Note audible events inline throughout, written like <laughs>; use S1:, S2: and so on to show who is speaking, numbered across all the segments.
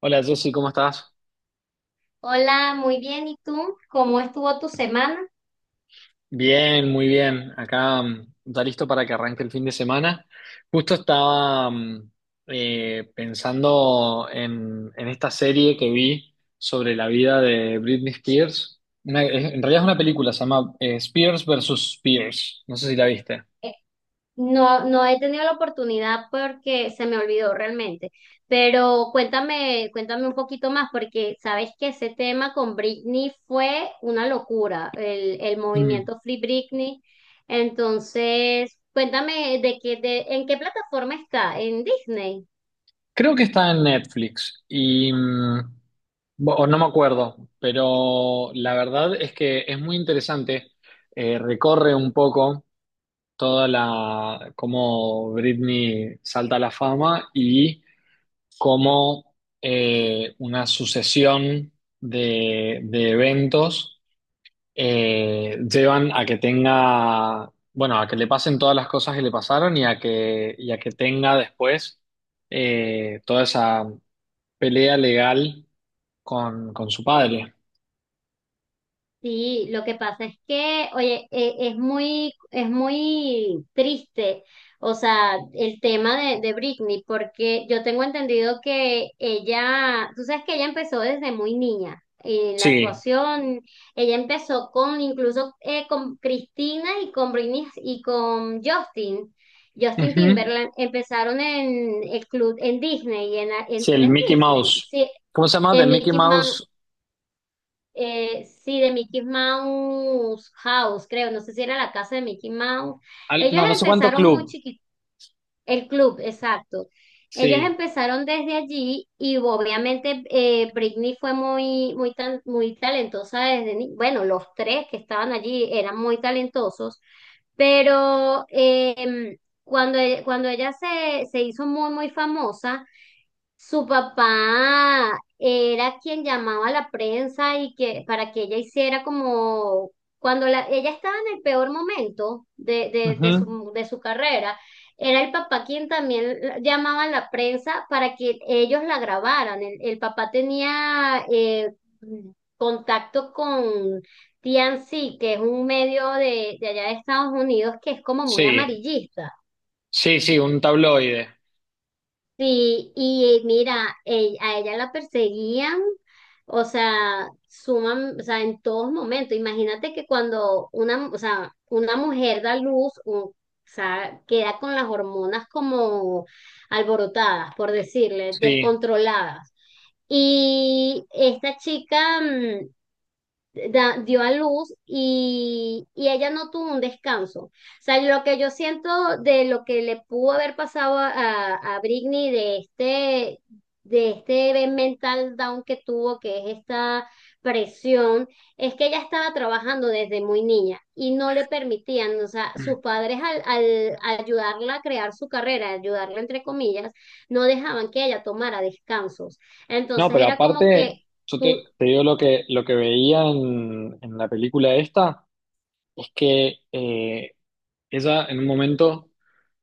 S1: Hola Jessy, ¿cómo estás?
S2: Hola, muy bien. ¿Y tú? ¿Cómo estuvo tu semana?
S1: Bien, muy bien. Acá ya listo para que arranque el fin de semana. Justo estaba pensando en esta serie que vi sobre la vida de Britney Spears. En realidad es una película, se llama Spears versus Spears. No sé si la viste.
S2: Eh, no, no he tenido la oportunidad porque se me olvidó realmente. Pero cuéntame, cuéntame un poquito más, porque sabes que ese tema con Britney fue una locura, el
S1: Mm.
S2: movimiento Free Britney. Entonces, cuéntame de qué, de, en qué plataforma está, en Disney.
S1: Creo que está en Netflix y o no me acuerdo, pero la verdad es que es muy interesante. Recorre un poco toda la, cómo Britney salta a la fama y cómo una sucesión de eventos llevan a que tenga, bueno, a que le pasen todas las cosas que le pasaron y a que tenga después toda esa pelea legal con su padre.
S2: Sí, lo que pasa es que, oye, es muy triste, o sea, el tema de Britney, porque yo tengo entendido que ella, tú sabes que ella empezó desde muy niña en la
S1: Sí.
S2: actuación, ella empezó con, incluso con Cristina y con Britney y con Justin, Justin
S1: Ujú.
S2: Timberland, empezaron en el club, en Disney,
S1: Sí,
S2: era
S1: el
S2: en
S1: Mickey
S2: Disney,
S1: Mouse.
S2: sí,
S1: ¿Cómo se llama? The
S2: en
S1: Mickey
S2: Mickey Mouse,
S1: Mouse.
S2: sí, de Mickey Mouse House, creo, no sé si era la casa de Mickey Mouse. Ellos
S1: No, no sé cuánto
S2: empezaron muy
S1: club.
S2: chiquitos, el club, exacto. Ellos
S1: Sí.
S2: empezaron desde allí y obviamente Britney fue muy, muy, muy talentosa desde, bueno, los tres que estaban allí eran muy talentosos, pero cuando, cuando ella se, se hizo muy, muy famosa, su papá era quien llamaba a la prensa y que para que ella hiciera como cuando ella estaba en el peor momento
S1: Ujú.
S2: de su carrera, era el papá quien también llamaba a la prensa para que ellos la grabaran. El papá tenía contacto con TNC, que es un medio de allá de Estados Unidos que es como muy
S1: Sí,
S2: amarillista.
S1: sí, sí, un tabloide.
S2: Sí, y mira, a ella la perseguían, o sea, suman, o sea, en todos momentos. Imagínate que cuando una, o sea, una mujer da luz, o sea, queda con las hormonas como alborotadas, por decirle,
S1: Sí.
S2: descontroladas. Y esta chica, dio a luz y ella no tuvo un descanso. O sea, lo que yo siento de lo que le pudo haber pasado a, a Britney de este mental down que tuvo, que es esta presión, es que ella estaba trabajando desde muy niña y no le permitían, o sea, sus padres al, al ayudarla a crear su carrera, ayudarla entre comillas, no dejaban que ella tomara descansos.
S1: No,
S2: Entonces
S1: pero
S2: era como que
S1: aparte, yo
S2: tú,
S1: te digo lo que veía en la película esta, es que ella en un momento,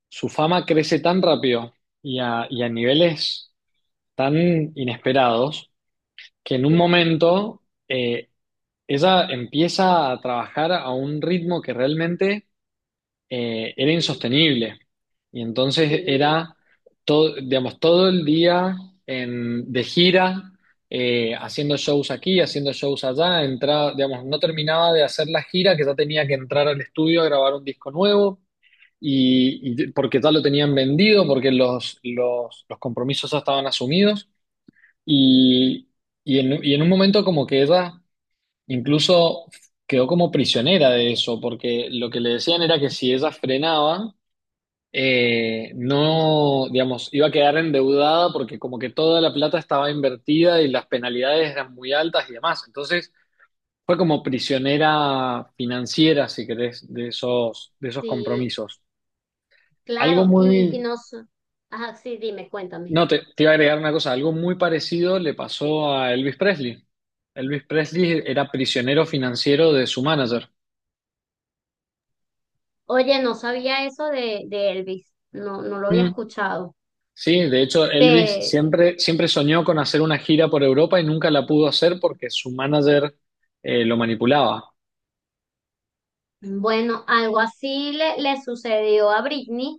S1: su fama crece tan rápido y a niveles tan inesperados, que en un
S2: claro.
S1: momento ella empieza a trabajar a un ritmo que realmente era
S2: Ujú.
S1: insostenible. Y entonces
S2: Sí,
S1: era todo, digamos, todo el día de gira, haciendo shows aquí, haciendo shows allá, entraba, digamos, no terminaba de hacer la gira, que ya tenía que entrar al estudio a grabar un disco nuevo, y porque ya lo tenían vendido, porque los compromisos ya estaban asumidos, y, y en un momento como que ella incluso quedó como prisionera de eso, porque lo que le decían era que si ella frenaba, no, digamos, iba a quedar endeudada porque como que toda la plata estaba invertida y las penalidades eran muy altas y demás. Entonces fue como prisionera financiera, si querés, de esos
S2: sí,
S1: compromisos. Algo
S2: claro, y
S1: muy,
S2: no, ajá, sí, dime, cuéntame.
S1: no, te iba a agregar una cosa, algo muy parecido le pasó a Elvis Presley. Elvis Presley era prisionero financiero de su manager.
S2: Oye, no sabía eso de Elvis, no, no lo había
S1: Mm.
S2: escuchado.
S1: Sí, de hecho, Elvis
S2: Pero,
S1: siempre, siempre soñó con hacer una gira por Europa y nunca la pudo hacer porque su manager lo manipulaba.
S2: bueno, algo así le, le sucedió a Britney.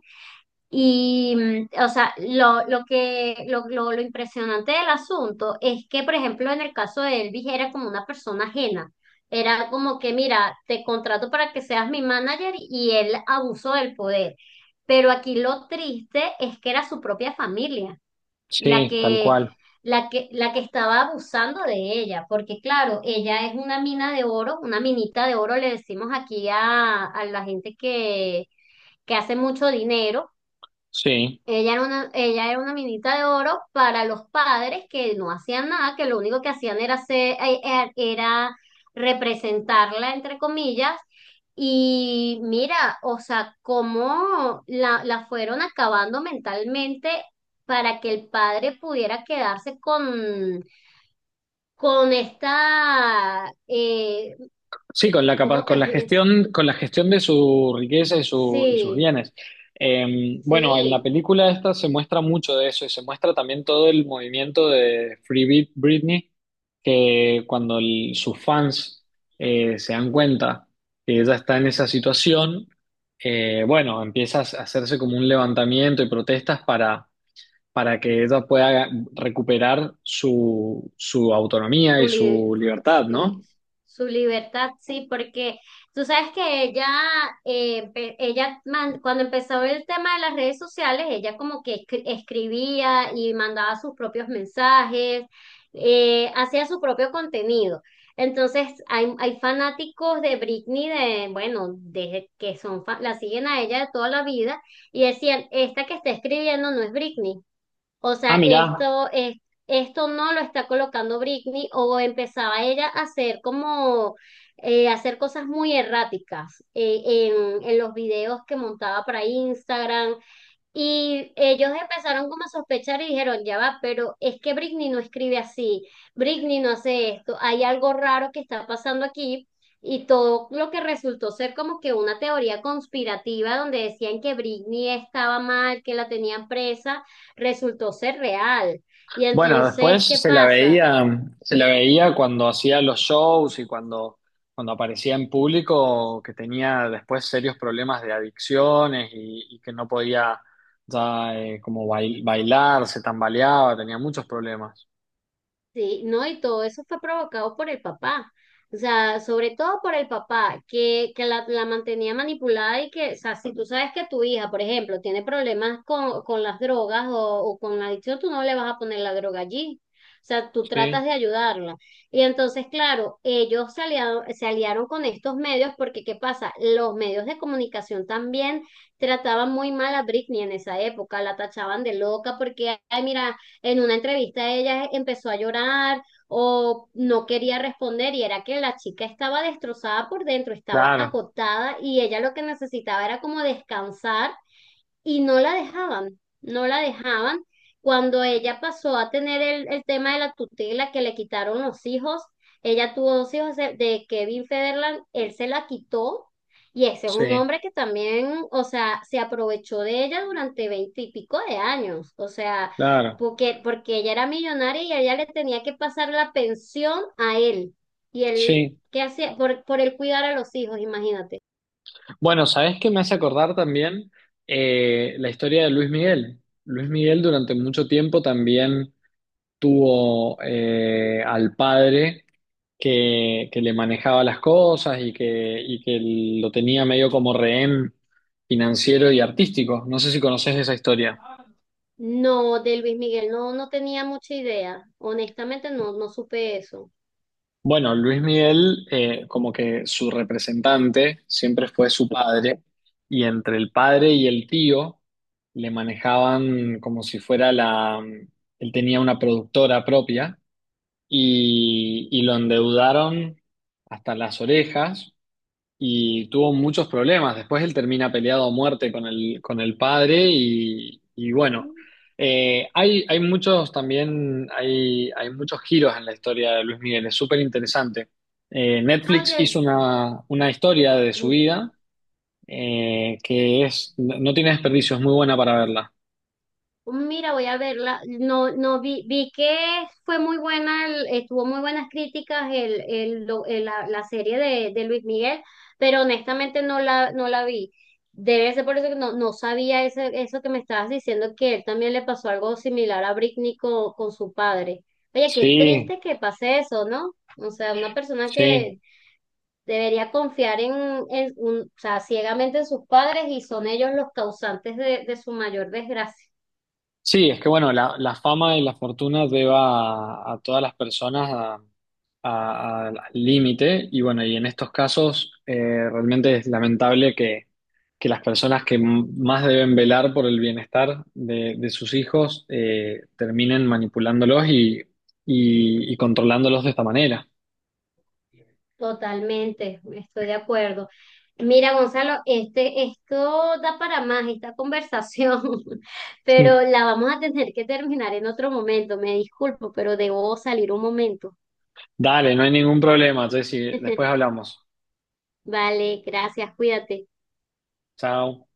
S2: Y, o sea, lo que, lo impresionante del asunto es que, por ejemplo, en el caso de Elvis era como una persona ajena. Era como que, mira, te contrato para que seas mi manager y él abusó del poder. Pero aquí lo triste es que era su propia familia la
S1: Sí, tal
S2: que,
S1: cual.
S2: la que, la que estaba abusando de ella, porque claro, ella es una mina de oro, una minita de oro, le decimos aquí a la gente que hace mucho dinero
S1: Sí.
S2: ella era una minita de oro para los padres que no hacían nada, que lo único que hacían era era representarla, entre comillas. Y mira, o sea, cómo la, la fueron acabando mentalmente para que el padre pudiera quedarse con esta,
S1: Sí,
S2: ¿cómo te...
S1: con la gestión de su riqueza y, y sus
S2: Sí,
S1: bienes. Bueno, en la
S2: sí.
S1: película esta se muestra mucho de eso y se muestra también todo el movimiento de Free Britney, que cuando sus fans se dan cuenta que ella está en esa situación, bueno, empieza a hacerse como un levantamiento y protestas para que ella pueda recuperar su, su autonomía
S2: Su,
S1: y
S2: li-
S1: su libertad,
S2: sí,
S1: ¿no?
S2: su libertad, sí, porque tú sabes que ella, eh, cuando empezó el tema de las redes sociales, ella como que escribía y mandaba sus propios mensajes, hacía su propio contenido. Entonces, hay fanáticos de Britney, de, bueno, desde que son, la siguen a ella de toda la vida y decían, esta que está escribiendo no es Britney. O sea,
S1: Ah, mirá.
S2: esto es, esto no lo está colocando Britney o empezaba ella a hacer como hacer cosas muy erráticas en los videos que montaba para Instagram y ellos empezaron como a sospechar y dijeron, ya va, pero es que Britney no escribe así, Britney no hace esto, hay algo raro que está pasando aquí. Y todo lo que resultó ser como que una teoría conspirativa donde decían que Britney estaba mal, que la tenían presa, resultó ser real. Y
S1: Bueno,
S2: entonces,
S1: después
S2: ¿qué pasa?
S1: se la veía cuando hacía los shows y cuando, cuando aparecía en público, que tenía después serios problemas de adicciones y que no podía ya como bailar, se tambaleaba, tenía muchos problemas.
S2: Sí, no, y todo eso fue provocado por el papá, o sea, sobre todo por el papá, que la mantenía manipulada y que, o sea, si tú sabes que tu hija, por ejemplo, tiene problemas con las drogas o con la adicción, tú no le vas a poner la droga allí, o sea, tú tratas
S1: Sí,
S2: de ayudarla. Y entonces, claro, se aliaron con estos medios porque, ¿qué pasa? Los medios de comunicación también trataban muy mal a Britney en esa época, la tachaban de loca porque, ay, mira en una entrevista ella empezó a llorar o no quería responder y era que la chica estaba destrozada por dentro, estaba
S1: claro,
S2: agotada y ella lo que necesitaba era como descansar y no la dejaban, no la dejaban. Cuando ella pasó a tener el tema de la tutela que le quitaron los hijos, ella tuvo 2 hijos de Kevin Federland, él se la quitó y ese es un
S1: sí,
S2: hombre que también, o sea, se aprovechó de ella durante 20 y pico de años, o sea,
S1: claro,
S2: porque, porque ella era millonaria y ella le tenía que pasar la pensión a él y él,
S1: sí.
S2: ¿qué hacía? Por él cuidar a los hijos, imagínate.
S1: Bueno, ¿sabés qué me hace acordar también eh, la historia de Luis Miguel? Luis Miguel durante mucho tiempo también tuvo al padre que le manejaba las cosas y que lo tenía medio como rehén financiero y artístico. No sé si conoces esa historia.
S2: No, de Luis Miguel, no, no tenía mucha idea. Honestamente, no, no supe eso.
S1: Bueno, Luis Miguel, como que su representante siempre fue su padre, y entre el padre y el tío le manejaban como si fuera la... Él tenía una productora propia y lo endeudaron hasta las orejas y tuvo muchos problemas. Después él termina peleado a muerte con el padre y bueno,
S2: Mm.
S1: hay muchos también, hay muchos giros en la historia de Luis Miguel, es súper interesante.
S2: Ah,
S1: Netflix
S2: oye,
S1: hizo una historia de su
S2: mm,
S1: vida que es, no tiene desperdicio, es muy buena para verla.
S2: mira, voy a verla. No, no vi, vi que fue muy buena, tuvo muy buenas críticas el, la, la serie de Luis Miguel, pero honestamente no la, no la vi. Debe ser por eso que no, no sabía eso, eso que me estabas diciendo, que él también le pasó algo similar a Britney con su padre. Oye, qué
S1: Sí,
S2: triste que pase eso, ¿no? O sea, una persona
S1: sí.
S2: que debería confiar en, o sea, ciegamente en sus padres y son ellos los causantes de su mayor desgracia.
S1: Sí, es que bueno, la fama y la fortuna lleva a todas las personas a, al límite y bueno, y en estos casos realmente es lamentable que las personas que más deben velar por el bienestar de sus hijos terminen manipulándolos y controlándolos de esta manera.
S2: Totalmente, estoy de acuerdo. Mira, Gonzalo, este, esto da para más esta conversación, <laughs> pero
S1: <laughs>
S2: la vamos a tener que terminar en otro momento. Me disculpo, pero debo salir un momento.
S1: Dale, no hay ningún problema, Jessy, después
S2: <laughs>
S1: hablamos.
S2: Vale, gracias, cuídate.
S1: Chao.